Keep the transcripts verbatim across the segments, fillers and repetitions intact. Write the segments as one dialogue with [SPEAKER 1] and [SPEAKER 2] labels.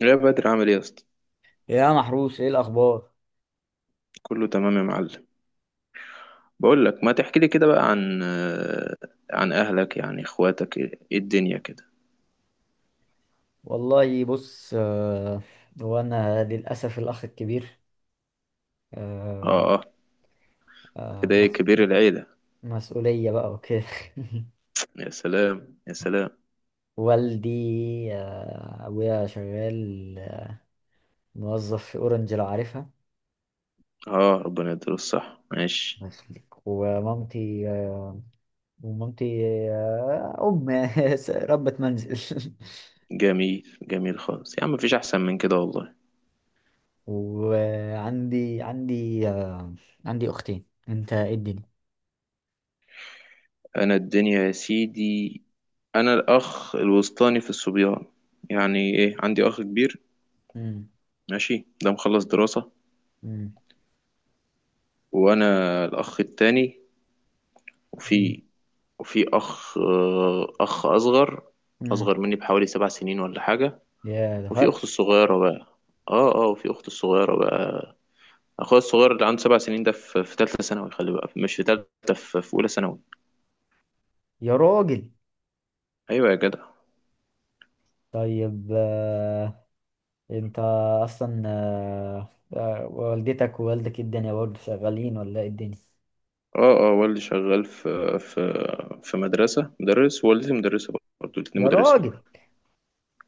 [SPEAKER 1] يا بدر عامل ايه يا اسطى؟
[SPEAKER 2] يا محروس، ايه الاخبار؟
[SPEAKER 1] كله تمام يا معلم. بقول لك ما تحكي لي كده بقى عن آه، عن اهلك، يعني اخواتك ايه، إيه الدنيا كده؟
[SPEAKER 2] والله بص، آه، هو انا للاسف الاخ الكبير. آه،
[SPEAKER 1] اه اه.
[SPEAKER 2] آه،
[SPEAKER 1] كده ايه،
[SPEAKER 2] مس-
[SPEAKER 1] كبير العيلة؟
[SPEAKER 2] مسؤوليه بقى وكده.
[SPEAKER 1] يا سلام يا سلام.
[SPEAKER 2] والدي، آه، ابويا شغال، آه، موظف في اورنج لو عارفها.
[SPEAKER 1] اه، ربنا يديله الصحة،
[SPEAKER 2] الله
[SPEAKER 1] ماشي.
[SPEAKER 2] يخليك. ومامتي، آه، ومامتي آه، ام ربة منزل
[SPEAKER 1] جميل جميل خالص يا عم، مفيش احسن من كده والله.
[SPEAKER 2] وعندي عندي آه، عندي اختين. انت ايه الدنيا؟
[SPEAKER 1] انا الدنيا يا سيدي، انا الاخ الوسطاني في الصبيان، يعني ايه، عندي اخ كبير،
[SPEAKER 2] مم.
[SPEAKER 1] ماشي، ده مخلص دراسة.
[SPEAKER 2] مم.
[SPEAKER 1] وانا الاخ التاني.
[SPEAKER 2] مم.
[SPEAKER 1] وفي وفي أخ آه، أخ أصغر،
[SPEAKER 2] مم.
[SPEAKER 1] أصغر مني بحوالي سبع سنين ولا حاجة.
[SPEAKER 2] يا ده
[SPEAKER 1] وفي أخت
[SPEAKER 2] فرق.
[SPEAKER 1] الصغيرة بقى. اه اه، وفي أخت الصغيرة بقى. أخويا الصغير اللي عنده سبع سنين ده في في تالتة ثانوي، خلي بقى، مش في تالتة، في في أولى ثانوي.
[SPEAKER 2] يا راجل.
[SPEAKER 1] أيوة يا جدع.
[SPEAKER 2] طيب، آه، انت اصلا، آه، آه، والدتك ووالدك إيه الدنيا برضه، شغالين ولا ايه الدنيا؟
[SPEAKER 1] اه اه، والدي شغال في في في مدرسة مدرس، ووالدتي مدرسة، برضه الاتنين
[SPEAKER 2] يا
[SPEAKER 1] مدرسين.
[SPEAKER 2] راجل.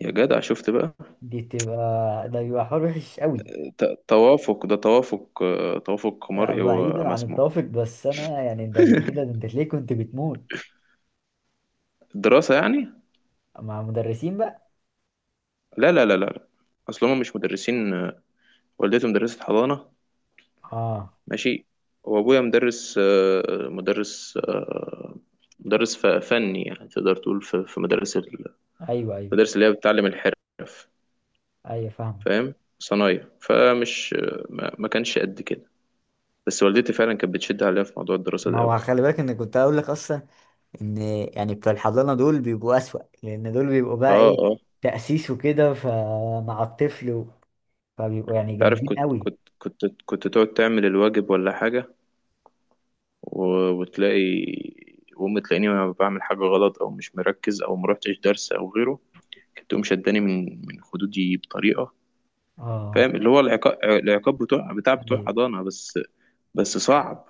[SPEAKER 1] يا جدع شفت بقى.
[SPEAKER 2] دي تبقى، ده بيبقى حوار وحش قوي.
[SPEAKER 1] ت- توافق، ده توافق، آه، توافق
[SPEAKER 2] آه،
[SPEAKER 1] مرئي
[SPEAKER 2] بعيدا عن
[SPEAKER 1] ومسموع.
[SPEAKER 2] التوافق، بس انا يعني ده انت كده، ده انت ليه كنت بتموت
[SPEAKER 1] الدراسة يعني.
[SPEAKER 2] مع مدرسين بقى؟
[SPEAKER 1] لا لا لا لا لا. اصل هما مش مدرسين، آه، والدتي مدرسة حضانة،
[SPEAKER 2] اه.
[SPEAKER 1] ماشي، وابويا مدرس، آه، مدرس، آه، مدرس ف- فني، يعني تقدر تقول في في مدارس ال-،
[SPEAKER 2] ايوه، ايوه،
[SPEAKER 1] المدارس اللي هي بتعلم الحرف.
[SPEAKER 2] ايوه فاهم.
[SPEAKER 1] فاهم، صنايع، فمش ما ما كانش قد كده. بس والدتي فعلا كانت بتشد عليا في موضوع الدراسة
[SPEAKER 2] ما
[SPEAKER 1] ده قوي.
[SPEAKER 2] هو خلي بالك ان كنت هقول لك اصلا، ان يعني بتوع الحضانه دول بيبقوا اسوأ، لان دول بيبقوا بقى
[SPEAKER 1] اه
[SPEAKER 2] ايه،
[SPEAKER 1] اه.
[SPEAKER 2] تأسيس وكده، فمع الطفل فبيبقوا يعني
[SPEAKER 1] انت عارف،
[SPEAKER 2] جامدين
[SPEAKER 1] كنت
[SPEAKER 2] قوي.
[SPEAKER 1] كنت كنت كنت تقعد تعمل الواجب ولا حاجة، و- وتلاقي، وأمي تلاقيني وأنا بعمل حاجة غلط أو مش مركز أو مروحتش درس أو غيره، كانت تقوم شداني من من خدودي بطريقة. فاهم،
[SPEAKER 2] اه.
[SPEAKER 1] اللي هو العقاب، العقاب بتوع بتاع بتوع
[SPEAKER 2] ايوه،
[SPEAKER 1] حضانه بس، بس صعب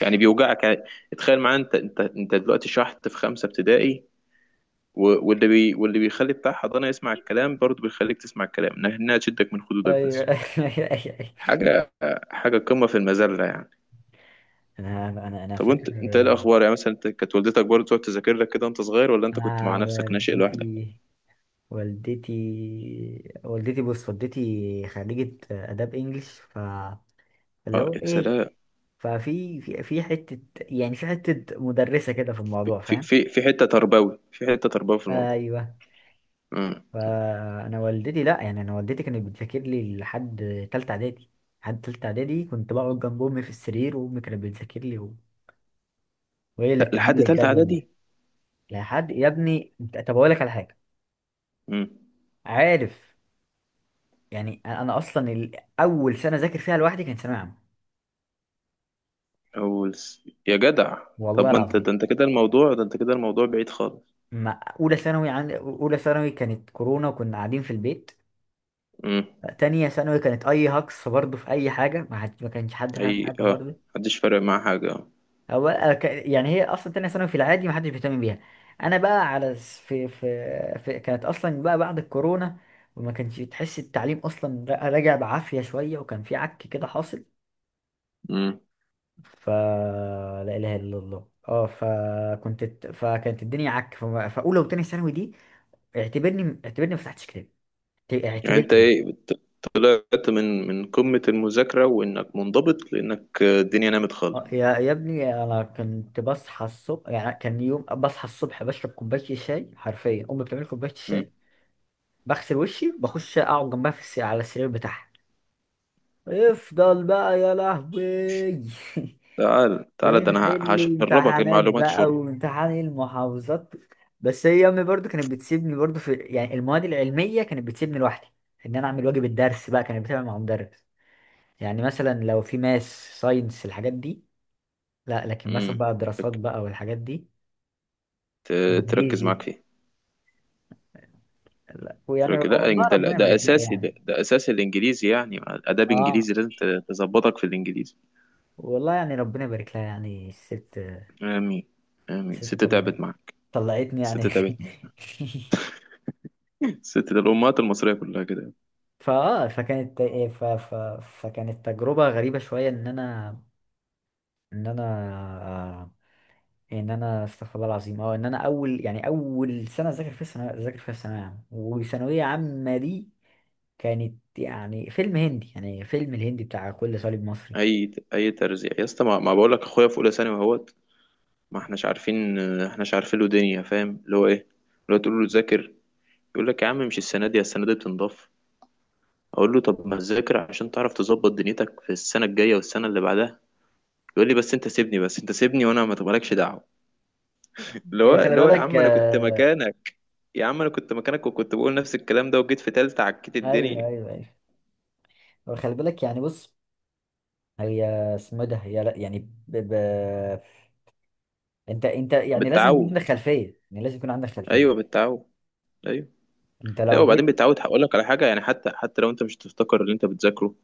[SPEAKER 1] يعني، بيوجعك يعني. تخيل معايا، انت انت انت دلوقتي شحت في خمسه ابتدائي، و- واللي بي واللي بيخلي بتاع حضانه يسمع الكلام، برضه بيخليك تسمع الكلام، إنها إنها تشدك من خدودك
[SPEAKER 2] ايوه.
[SPEAKER 1] بس.
[SPEAKER 2] ايوه. أيوة. أيوة.
[SPEAKER 1] حاجه، حاجه قمه في المذله يعني.
[SPEAKER 2] انا انا انا
[SPEAKER 1] طب
[SPEAKER 2] فاكر.
[SPEAKER 1] انت، انت ايه الاخبار يعني؟ مثلا انت كانت والدتك برضه تقعد تذاكر لك كده وانت صغير، ولا انت كنت
[SPEAKER 2] انا
[SPEAKER 1] مع نفسك ناشئ لوحدك؟
[SPEAKER 2] والدتي والدتي والدتي بص، والدتي خريجة آداب إنجلش، فاللي
[SPEAKER 1] اه
[SPEAKER 2] هو
[SPEAKER 1] يا
[SPEAKER 2] إيه،
[SPEAKER 1] سلام.
[SPEAKER 2] ففي في في حتة، يعني في حتة مدرسة كده في الموضوع،
[SPEAKER 1] في
[SPEAKER 2] فاهم؟
[SPEAKER 1] في في حته تربوي، في حته تربوي في الموضوع.
[SPEAKER 2] أيوه.
[SPEAKER 1] امم.
[SPEAKER 2] فأنا والدتي لأ، يعني أنا والدتي كانت بتذاكر لي لحد تالتة إعدادي. لحد تالتة إعدادي كنت بقعد جنب أمي في السرير، وأمي كانت بتذاكر لي، وهي اللي بتعمل
[SPEAKER 1] لحد
[SPEAKER 2] لي
[SPEAKER 1] تالته
[SPEAKER 2] الجدول ده.
[SPEAKER 1] اعدادي.
[SPEAKER 2] لحد يا ابني انت- طب اقول لك على حاجه.
[SPEAKER 1] امم.
[SPEAKER 2] عارف، يعني انا أنا اصلا ال- اول سنه ذاكر فيها لوحدي كانت ثانويه عامه.
[SPEAKER 1] أول س... يا جدع. طب
[SPEAKER 2] والله
[SPEAKER 1] ما انت،
[SPEAKER 2] العظيم.
[SPEAKER 1] ده انت كده الموضوع، ده انت كده الموضوع بعيد خالص.
[SPEAKER 2] ما اولى ثانوي، عن اولى ثانوي كانت كورونا وكنا قاعدين في البيت.
[SPEAKER 1] امم.
[SPEAKER 2] تانية ثانوي كانت اي هكس برضه في اي حاجه، ما, حد... ما كانش حد
[SPEAKER 1] اي
[SPEAKER 2] فاهم حاجه
[SPEAKER 1] اه.
[SPEAKER 2] برضه.
[SPEAKER 1] محدش فارق معاه حاجة.
[SPEAKER 2] هو أه، ك- يعني هي اصلا تانية ثانوي في العادي ما حدش بيهتم بيها. انا بقى، على س- في في, في... كانت اصلا بقى بعد الكورونا، وما كانش تحس التعليم اصلا را- راجع بعافيه شويه، وكان في عك كده حاصل.
[SPEAKER 1] امم.
[SPEAKER 2] فلا اله الا الله. اه، فكنت فكانت الدنيا عك. ف- فاولى وتانية ثانوي دي، اعتبرني اعتبرني ما فتحتش كتاب. اعت-
[SPEAKER 1] يعني انت
[SPEAKER 2] اعتبرني.
[SPEAKER 1] ايه، طلعت من من قمة المذاكرة وانك منضبط لانك آه، الدنيا نامت خالص؟
[SPEAKER 2] آه، يا يا ابني، انا كنت بصحى الصبح، يعني كان يوم بصحى الصبح بشرب كوبايه الشاي، حرفيا امي بتعمل كوبايه
[SPEAKER 1] امم.
[SPEAKER 2] الشاي، بغسل وشي بخش اقعد جنبها في الس... على السرير بتاعها. افضل بقى يا لهوي.
[SPEAKER 1] تعال تعال، ده انا ه-
[SPEAKER 2] ونحل
[SPEAKER 1] هشربك
[SPEAKER 2] امتحانات
[SPEAKER 1] المعلومات
[SPEAKER 2] بقى،
[SPEAKER 1] شرب.
[SPEAKER 2] وامتحان المحافظات. بس هي امي برضو كانت بتسيبني، برضو في يعني المواد العلميه كانت بتسيبني لوحدي، ان انا اعمل واجب الدرس بقى كانت بتعمل مع مدرس. يعني مثلا لو في ماس، ساينس، الحاجات دي لا، لكن مثلا
[SPEAKER 1] امم.
[SPEAKER 2] بقى الدراسات
[SPEAKER 1] تك-
[SPEAKER 2] بقى والحاجات دي،
[SPEAKER 1] ت- تركز
[SPEAKER 2] انجليزي
[SPEAKER 1] معاك فيه.
[SPEAKER 2] لا، ويعني
[SPEAKER 1] تركز، لا
[SPEAKER 2] والله
[SPEAKER 1] ده لا،
[SPEAKER 2] ربنا
[SPEAKER 1] ده
[SPEAKER 2] يبارك لها
[SPEAKER 1] اساسي،
[SPEAKER 2] يعني.
[SPEAKER 1] ده، ده اساسي الانجليزي، يعني اداب
[SPEAKER 2] اه،
[SPEAKER 1] انجليزي لازم ت- تظبطك في الانجليزي.
[SPEAKER 2] والله يعني ربنا يبارك لها يعني الست.
[SPEAKER 1] امين. امين،
[SPEAKER 2] الست
[SPEAKER 1] ست
[SPEAKER 2] طلعت
[SPEAKER 1] تعبت معاك.
[SPEAKER 2] طلعتني
[SPEAKER 1] ست
[SPEAKER 2] يعني.
[SPEAKER 1] تعبت. ست ده، الامهات المصريه كلها كده.
[SPEAKER 2] فاه فكانت ف... ف... فكانت تجربة غريبة شوية ان انا، ان انا آه، ان انا استغفر الله العظيم. اه، ان انا اول، يعني اول سنة اذاكر فيها الثانوية اذاكر فيها الثانوية عامة. وثانوية عامة دي كانت يعني فيلم هندي، يعني فيلم الهندي بتاع كل صليب مصري.
[SPEAKER 1] اي اي ترزيع يا اسطى، ما, ما بقول لك اخويا في اولى ثانوي اهوت، ما احناش عارفين، احناش عارفين له دنيا، فاهم اللي هو ايه، اللي هو تقول له ذاكر، يقول لك يا عم مش السنه دي، السنه دي بتنضاف. اقول له طب ما تذاكر عشان تعرف تظبط دنيتك في السنه الجايه والسنه اللي بعدها. يقول لي بس انت سيبني، بس انت سيبني، وانا ما تبقالكش دعوه. اللي هو،
[SPEAKER 2] هي خلي
[SPEAKER 1] اللي هو يا
[SPEAKER 2] بالك،
[SPEAKER 1] عم انا كنت
[SPEAKER 2] آه،
[SPEAKER 1] مكانك، يا عم انا كنت مكانك وكنت بقول نفس الكلام ده، وجيت في تالتة عكيت
[SPEAKER 2] ايوه،
[SPEAKER 1] الدنيا.
[SPEAKER 2] ايوه، ايوه. وخلي بالك يعني بص، هي اسمه إيه ده، هي لا يعني، ب... ب... انت انت يعني لازم يكون
[SPEAKER 1] بالتعود،
[SPEAKER 2] عندك خلفية، يعني لازم يكون عندك خلفية.
[SPEAKER 1] ايوه بالتعود.
[SPEAKER 2] انت
[SPEAKER 1] لا،
[SPEAKER 2] لو
[SPEAKER 1] وبعدين
[SPEAKER 2] جيت.
[SPEAKER 1] بتعود، هقول لك على حاجه، يعني حتى، حتى لو انت مش تفتكر اللي انت بتذاكره،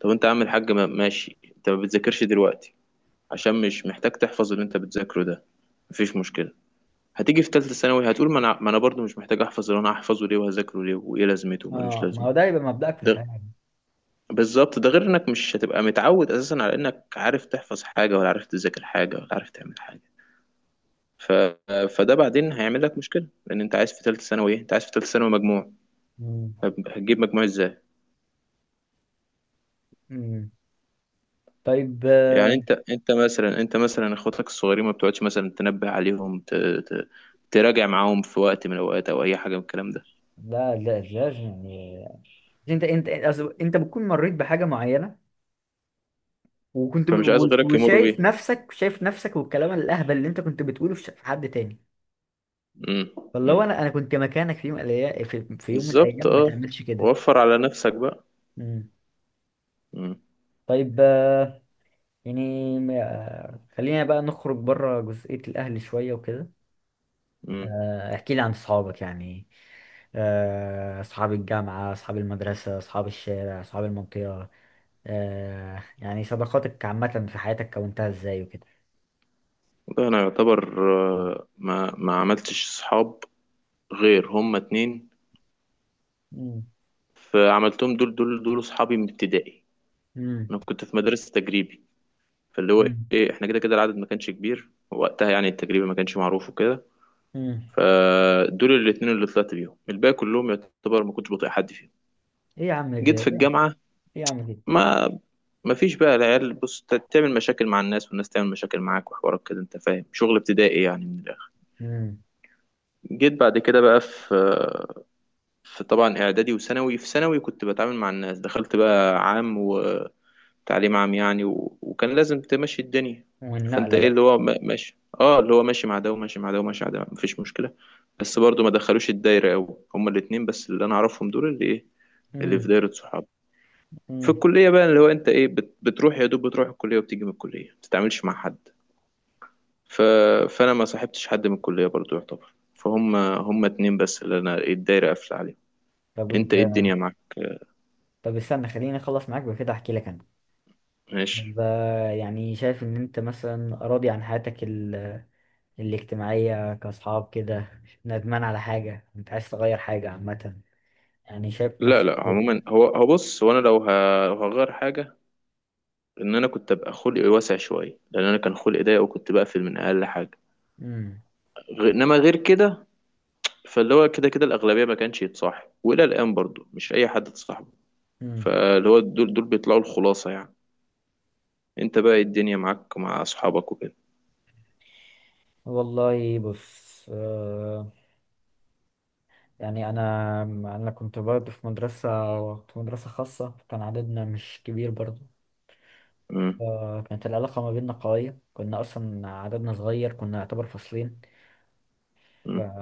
[SPEAKER 1] طب انت عامل حاجه، ما- ماشي، انت ما بتذاكرش دلوقتي عشان مش محتاج تحفظ اللي انت بتذاكره ده، مفيش مشكله. هتيجي في ثالثه ثانوي هتقول ما انا، ما انا برضه مش محتاج احفظ اللي انا هحفظه ليه، وهذاكره ليه، وايه لازمته، وملوش
[SPEAKER 2] اه، ما
[SPEAKER 1] لازمه.
[SPEAKER 2] هو ده يبقى مبدأك في
[SPEAKER 1] ده
[SPEAKER 2] الحياة.
[SPEAKER 1] بالظبط، ده غير انك مش هتبقى متعود اساسا على انك عارف تحفظ حاجه، ولا عارف تذاكر حاجه، ولا عارف تعمل حاجه. ف... فده بعدين هيعمل لك مشكله، لان انت عايز في ثالثه ثانوي ايه، انت عايز في ثالثه ثانوي مجموع.
[SPEAKER 2] مم.
[SPEAKER 1] طب هتجيب مجموع ازاي؟
[SPEAKER 2] مم. طيب، آه،
[SPEAKER 1] يعني انت، انت مثلا، انت مثلا اخواتك الصغيرين، ما بتقعدش مثلا تنبه عليهم، ت... ت... تراجع معاهم في وقت من الاوقات او اي حاجه من الكلام ده؟
[SPEAKER 2] لا لا لا يعني. انت انت أصل انت بتكون مريت بحاجة معينة، وكنت ب...
[SPEAKER 1] فمش عايز
[SPEAKER 2] و-
[SPEAKER 1] غيرك يمر
[SPEAKER 2] وشايف
[SPEAKER 1] بيه.
[SPEAKER 2] نفسك، شايف نفسك والكلام الأهبل اللي انت كنت بتقوله، في ش- في حد تاني.
[SPEAKER 1] امم.
[SPEAKER 2] فاللي
[SPEAKER 1] امم،
[SPEAKER 2] هو انا انا كنت مكانك، في يوم من الأيا- في... في يوم من
[SPEAKER 1] بالظبط
[SPEAKER 2] الايام، ما
[SPEAKER 1] اه،
[SPEAKER 2] تعملش كده.
[SPEAKER 1] وفر على نفسك بقى.
[SPEAKER 2] مم.
[SPEAKER 1] امم.
[SPEAKER 2] طيب، آه، يعني، آه، خلينا بقى نخرج بره جزئية الاهل شوية وكده.
[SPEAKER 1] امم
[SPEAKER 2] آه، احكي لي عن صحابك يعني، آه، أصحاب الجامعة، أصحاب المدرسة، أصحاب الشارع، أصحاب المنطقة، آه، يعني صداقاتك عامة في حياتك كونتها إزاي وكده.
[SPEAKER 1] ده انا يعتبر آه، ما ما عملتش صحاب غير هما اتنين،
[SPEAKER 2] مم.
[SPEAKER 1] فعملتهم دول، دول دول صحابي من ابتدائي.
[SPEAKER 2] مم.
[SPEAKER 1] انا كنت في مدرسه تجريبي، فاللي هو
[SPEAKER 2] مم.
[SPEAKER 1] ايه، احنا كده كده العدد ما كانش كبير وقتها، يعني التجريبي ما كانش معروف وكده.
[SPEAKER 2] مم.
[SPEAKER 1] فدول الاتنين اللي طلعت بيهم، الباقي كلهم يعتبر ما كنتش بطيق حد فيهم.
[SPEAKER 2] إيه يا عم كده،
[SPEAKER 1] جيت
[SPEAKER 2] إيه؟
[SPEAKER 1] في الجامعة،
[SPEAKER 2] إيه يا عم كده.
[SPEAKER 1] ما ما فيش بقى العيال، بص، ت- تعمل مشاكل مع الناس والناس تعمل مشاكل معاك وحوارات كده، انت فاهم، شغل ابتدائي يعني من الاخر.
[SPEAKER 2] مم.
[SPEAKER 1] جيت بعد كده بقى في، في طبعا اعدادي وثانوي. في ثانوي كنت بتعامل مع الناس، دخلت بقى عام، و تعليم عام يعني، و... وكان لازم تمشي الدنيا. فانت
[SPEAKER 2] والنقلة
[SPEAKER 1] ايه، اللي
[SPEAKER 2] بقى.
[SPEAKER 1] هو ما- ماشي، اه اللي هو ماشي مع ده، وماشي مع ده، وماشي مع ده، مفيش مشكله. بس برضو ما دخلوش الدايره قوي. هما الاتنين بس اللي انا اعرفهم، دول اللي ايه، اللي في
[SPEAKER 2] مم.
[SPEAKER 1] دايره صحاب. في
[SPEAKER 2] مم.
[SPEAKER 1] الكليه بقى، اللي هو انت ايه، بت... بتروح يا دوب، بتروح الكليه وبتيجي من الكليه، ما بتتعاملش مع حد. ف... فانا ما صاحبتش حد من الكليه برضو يعتبر، فهم هم اتنين بس اللي انا إيه، الدايره قافله عليهم.
[SPEAKER 2] طب
[SPEAKER 1] انت
[SPEAKER 2] أنت.
[SPEAKER 1] ايه الدنيا معاك؟
[SPEAKER 2] طب استنى، خليني أخلص معاك بكده أحكي لك أنا. طب،
[SPEAKER 1] ماشي.
[SPEAKER 2] آه، يعني شايف إن أنت مثلا راضي عن حياتك الاجتماعية، كأصحاب كده، ندمان على حاجة، أنت عايز تغير حاجة عامة، يعني شايف
[SPEAKER 1] لا
[SPEAKER 2] نفسك
[SPEAKER 1] لا، عموما
[SPEAKER 2] فين؟
[SPEAKER 1] هو، هو بص، هو انا لو ه- لو هغير حاجه، ان انا كنت ابقى خلقي واسع شويه، لان انا كان خلقي ضيق وكنت بقفل من اقل حاجه.
[SPEAKER 2] امم.
[SPEAKER 1] غ- انما غير كده فاللي هو كده كده الاغلبيه ما كانش يتصاحب، والى الان برضو مش اي حد تصاحبه،
[SPEAKER 2] امم.
[SPEAKER 1] فاللي هو دول، دول بيطلعوا الخلاصه يعني. انت بقى إيه الدنيا معاك مع اصحابك وكده؟
[SPEAKER 2] والله بص، آه يعني أنا أنا كنت برضه في مدرسة، في مدرسة خاصة كان عددنا مش كبير برضه.
[SPEAKER 1] امم.
[SPEAKER 2] فكانت العلاقة ما بيننا قوية، كنا أصلا عددنا صغير، كنا يعتبر فصلين. ف...
[SPEAKER 1] امم.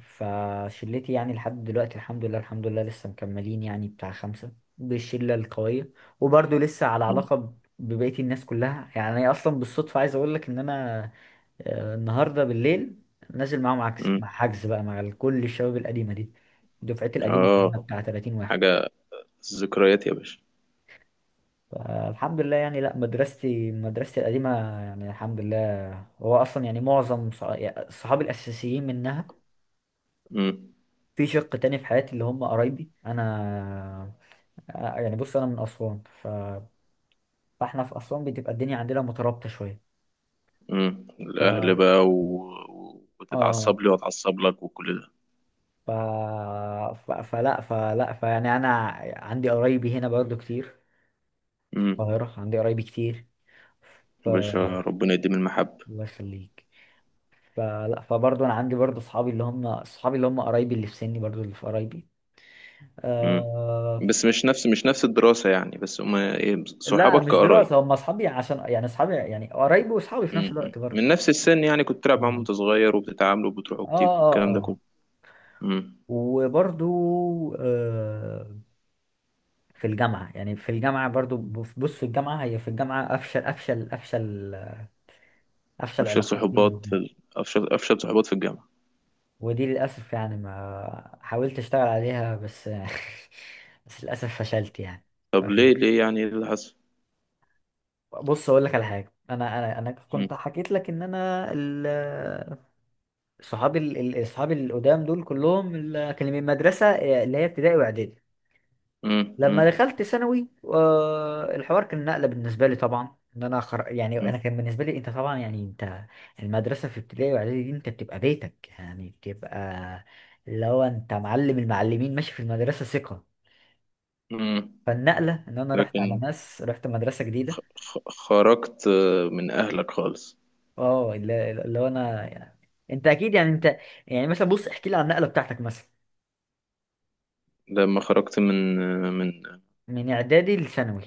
[SPEAKER 2] فشلتي يعني لحد دلوقتي الحمد لله. الحمد لله لسه مكملين يعني بتاع خمسة، بالشلة القوية. وبرضه لسه على
[SPEAKER 1] امم.
[SPEAKER 2] علاقة ب- ببقية الناس كلها. يعني أنا أصلا بالصدفة عايز أقول لك إن أنا، آه، النهاردة بالليل نازل معاهم، عكس
[SPEAKER 1] أمم.
[SPEAKER 2] مع حجز بقى، مع ال- كل الشباب القديمة دي. دفعتي القديمة كلها
[SPEAKER 1] اه،
[SPEAKER 2] بتاع ثلاثين واحد.
[SPEAKER 1] حاجه، ذكريات يا باشا.
[SPEAKER 2] فالحمد لله يعني. لا، مدرستي، مدرستي القديمة، يعني الحمد لله. هو أصلا يعني معظم، صح- يعني صحابي الأساسيين منها.
[SPEAKER 1] امم.
[SPEAKER 2] في شق تاني في حياتي، اللي هم قرايبي انا. آه، يعني بص انا من اسوان، ف... فاحنا في اسوان بتبقى الدنيا عندنا مترابطه شويه.
[SPEAKER 1] امم،
[SPEAKER 2] ف
[SPEAKER 1] الاهل بقى و...، و- وتتعصب
[SPEAKER 2] اه
[SPEAKER 1] لي واتعصب لك وكل ده.
[SPEAKER 2] ف... ف... فلا فلا فيعني انا عندي قرايبي هنا برضو كتير، في
[SPEAKER 1] امم.
[SPEAKER 2] القاهره عندي قرايبي كتير. ف.
[SPEAKER 1] يا باشا ربنا يديم المحبه.
[SPEAKER 2] الله يخليك. فلا فبرضو انا عندي برضو اصحابي، اللي هم اصحابي اللي هم قرايبي اللي في سني، برضو اللي في قرايبي.
[SPEAKER 1] مم.
[SPEAKER 2] آه...
[SPEAKER 1] بس مش نفس، مش نفس الدراسة يعني، بس هما إيه،
[SPEAKER 2] لا
[SPEAKER 1] صحابك
[SPEAKER 2] مش
[SPEAKER 1] كقرايب.
[SPEAKER 2] دراسه، هم اصحابي عشان يعني اصحابي يعني قرايبي واصحابي في نفس
[SPEAKER 1] مم.
[SPEAKER 2] الوقت برضو.
[SPEAKER 1] من نفس السن يعني، كنت تلعب معاهم
[SPEAKER 2] آه.
[SPEAKER 1] وأنت صغير، وبتتعاملوا وبتروحوا
[SPEAKER 2] اه
[SPEAKER 1] وبتيجوا
[SPEAKER 2] اه
[SPEAKER 1] والكلام ده
[SPEAKER 2] اه
[SPEAKER 1] كله. مم.
[SPEAKER 2] وبرضو، آه في الجامعة يعني في الجامعة برضو بص بص في الجامعة، هي في الجامعة أفشل، أفشل أفشل أفشل
[SPEAKER 1] أفشل
[SPEAKER 2] علاقات لي
[SPEAKER 1] صحوبات في
[SPEAKER 2] منها.
[SPEAKER 1] ال...، أفشل، أفشل صحوبات في الجامعة.
[SPEAKER 2] ودي للأسف يعني، ما حاولت أشتغل عليها، بس بس للأسف فشلت يعني.
[SPEAKER 1] طب ليه، ليه يعني، إيه اللي حصل؟
[SPEAKER 2] بص أقول لك على حاجة، أنا أنا أنا
[SPEAKER 1] مم.
[SPEAKER 2] كنت حكيت لك إن أنا، ال- صحابي ال- ال- صحابي القدام دول كلهم، اللي كانوا من المدرسة، آه، اللي هي ابتدائي وإعدادي.
[SPEAKER 1] مم. مم.
[SPEAKER 2] لما دخلت ثانوي، آه، الحوار كان نقلة بالنسبة لي طبعا. ان انا خر... يعني
[SPEAKER 1] مم.
[SPEAKER 2] انا كان بالنسبة لي انت طبعا، يعني انت، المدرسة في ابتدائي واعدادي دي انت بتبقى بيتك، يعني بتبقى اللي هو انت معلم المعلمين ماشي في المدرسة ثقة.
[SPEAKER 1] مم.
[SPEAKER 2] فالنقلة ان انا رحت على
[SPEAKER 1] لكن
[SPEAKER 2] ناس، رحت مدرسة
[SPEAKER 1] خ...
[SPEAKER 2] جديدة.
[SPEAKER 1] خرجت آه، من أهلك خالص.
[SPEAKER 2] اه، اللي اللي هو انا يعني، انت اكيد يعني انت. يعني مثلا بص، احكي لي عن النقلة بتاعتك مثلا
[SPEAKER 1] لما خرجت من آه، من،
[SPEAKER 2] من اعدادي لثانوي.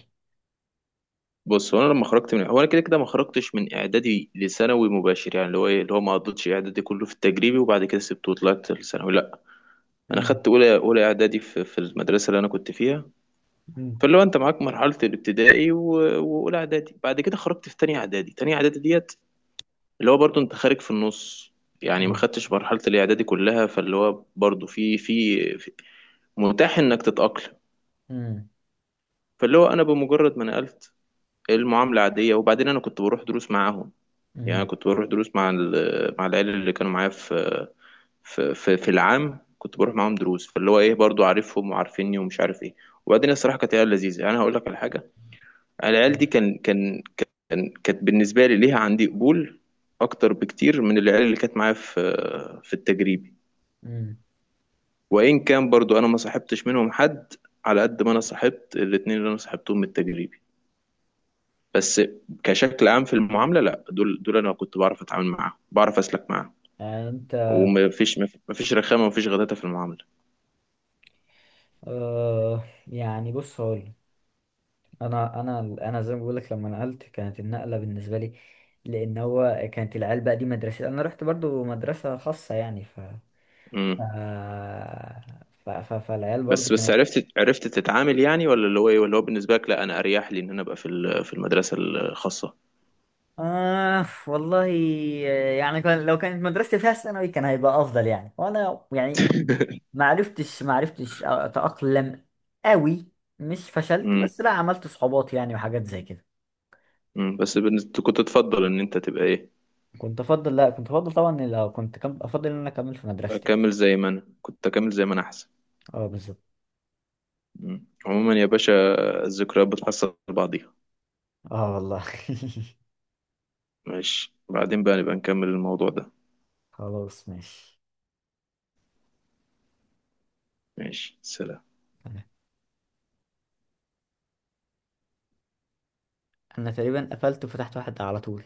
[SPEAKER 1] بص هو انا لما خرجت من، هو انا كده كده ما خرجتش من اعدادي لثانوي مباشر، يعني اللي هو ايه، اللي هو ما قضيتش اعدادي كله في التجريبي وبعد كده سبته وطلعت لثانوي، لا. انا
[SPEAKER 2] امم.
[SPEAKER 1] خدت اولى، اولى اعدادي في, في المدرسه اللي انا كنت فيها،
[SPEAKER 2] امم.
[SPEAKER 1] فاللي هو انت معاك مرحله الابتدائي و- واولى اعدادي، بعد كده خرجت في تانية اعدادي، تانية اعدادي ديت، اللي هو برضو انت خارج في النص، يعني ما
[SPEAKER 2] ايوه.
[SPEAKER 1] خدتش مرحله الاعدادي كلها، فاللي هو برضو في في في- متاح انك تتاقلم.
[SPEAKER 2] امم.
[SPEAKER 1] فاللي هو انا بمجرد ما نقلت، المعامله عاديه، وبعدين انا كنت بروح دروس معاهم. يعني
[SPEAKER 2] امم.
[SPEAKER 1] أنا كنت بروح دروس مع ال-، مع العيال اللي كانوا معايا في في في, في العام، كنت بروح معاهم دروس، فاللي هو ايه، برضو عارفهم وعارفيني ومش عارف ايه، وبعدين الصراحه كانت عيال لذيذه، يعني انا هقول لك على حاجه، العيال دي كان كان كان كانت بالنسبه لي ليها عندي قبول اكتر بكتير من العيال اللي كانت معايا في في التجريبي،
[SPEAKER 2] امم.
[SPEAKER 1] وان كان برضو انا ما صاحبتش منهم حد، على قد ما انا صاحبت الاتنين اللي انا صاحبتهم من التجريبي، بس كشكل عام في المعامله لا، دول، دول انا كنت بعرف اتعامل معاهم، بعرف اسلك معاهم،
[SPEAKER 2] يعني انت.
[SPEAKER 1] ومفيش، مفيش رخامة، مفيش غداتة في المعاملة.
[SPEAKER 2] أه، يعني بص هقول، انا انا انا زي ما بقول لك، لما نقلت كانت النقله بالنسبه لي، لان هو كانت العيال بقى دي مدرسه، انا رحت برضو مدرسه خاصه يعني. ف ف,
[SPEAKER 1] امم.
[SPEAKER 2] ف... ف... فالعيال برضو
[SPEAKER 1] بس، بس
[SPEAKER 2] كانت.
[SPEAKER 1] عرفت، عرفت تتعامل يعني، ولا اللي هو ايه، ولا هو بالنسبة لك لا انا اريح لي ان انا ابقى في ال-، في المدرسة الخاصة.
[SPEAKER 2] آه، والله، يعني كان لو كانت مدرستي فيها ثانوي كان هيبقى افضل يعني. وانا يعني ما عرفتش ما عرفتش اتاقلم قوي. مش فشلت،
[SPEAKER 1] امم.
[SPEAKER 2] بس لا عملت صحوبات يعني وحاجات زي كده.
[SPEAKER 1] امم، بس بالنسبة كنت تفضل ان انت تبقى ايه.
[SPEAKER 2] كنت افضل لا، كنت افضل طبعا، إن لو كنت كم... افضل ان انا اكمل في مدرستي.
[SPEAKER 1] اكمل زي ما انا كنت، اكمل زي ما انا احسن.
[SPEAKER 2] اه، بالظبط.
[SPEAKER 1] امم، عموما يا باشا، الذكريات بتحصل بعضيها.
[SPEAKER 2] اه، والله.
[SPEAKER 1] ماشي، بعدين بقى نبقى نكمل الموضوع ده.
[SPEAKER 2] خلاص، ماشي.
[SPEAKER 1] ماشي سلام.
[SPEAKER 2] انا تقريبا قفلت وفتحت واحد على طول.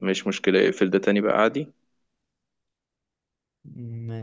[SPEAKER 1] مش مشكلة، اقفل ده تاني بقى عادي.
[SPEAKER 2] م-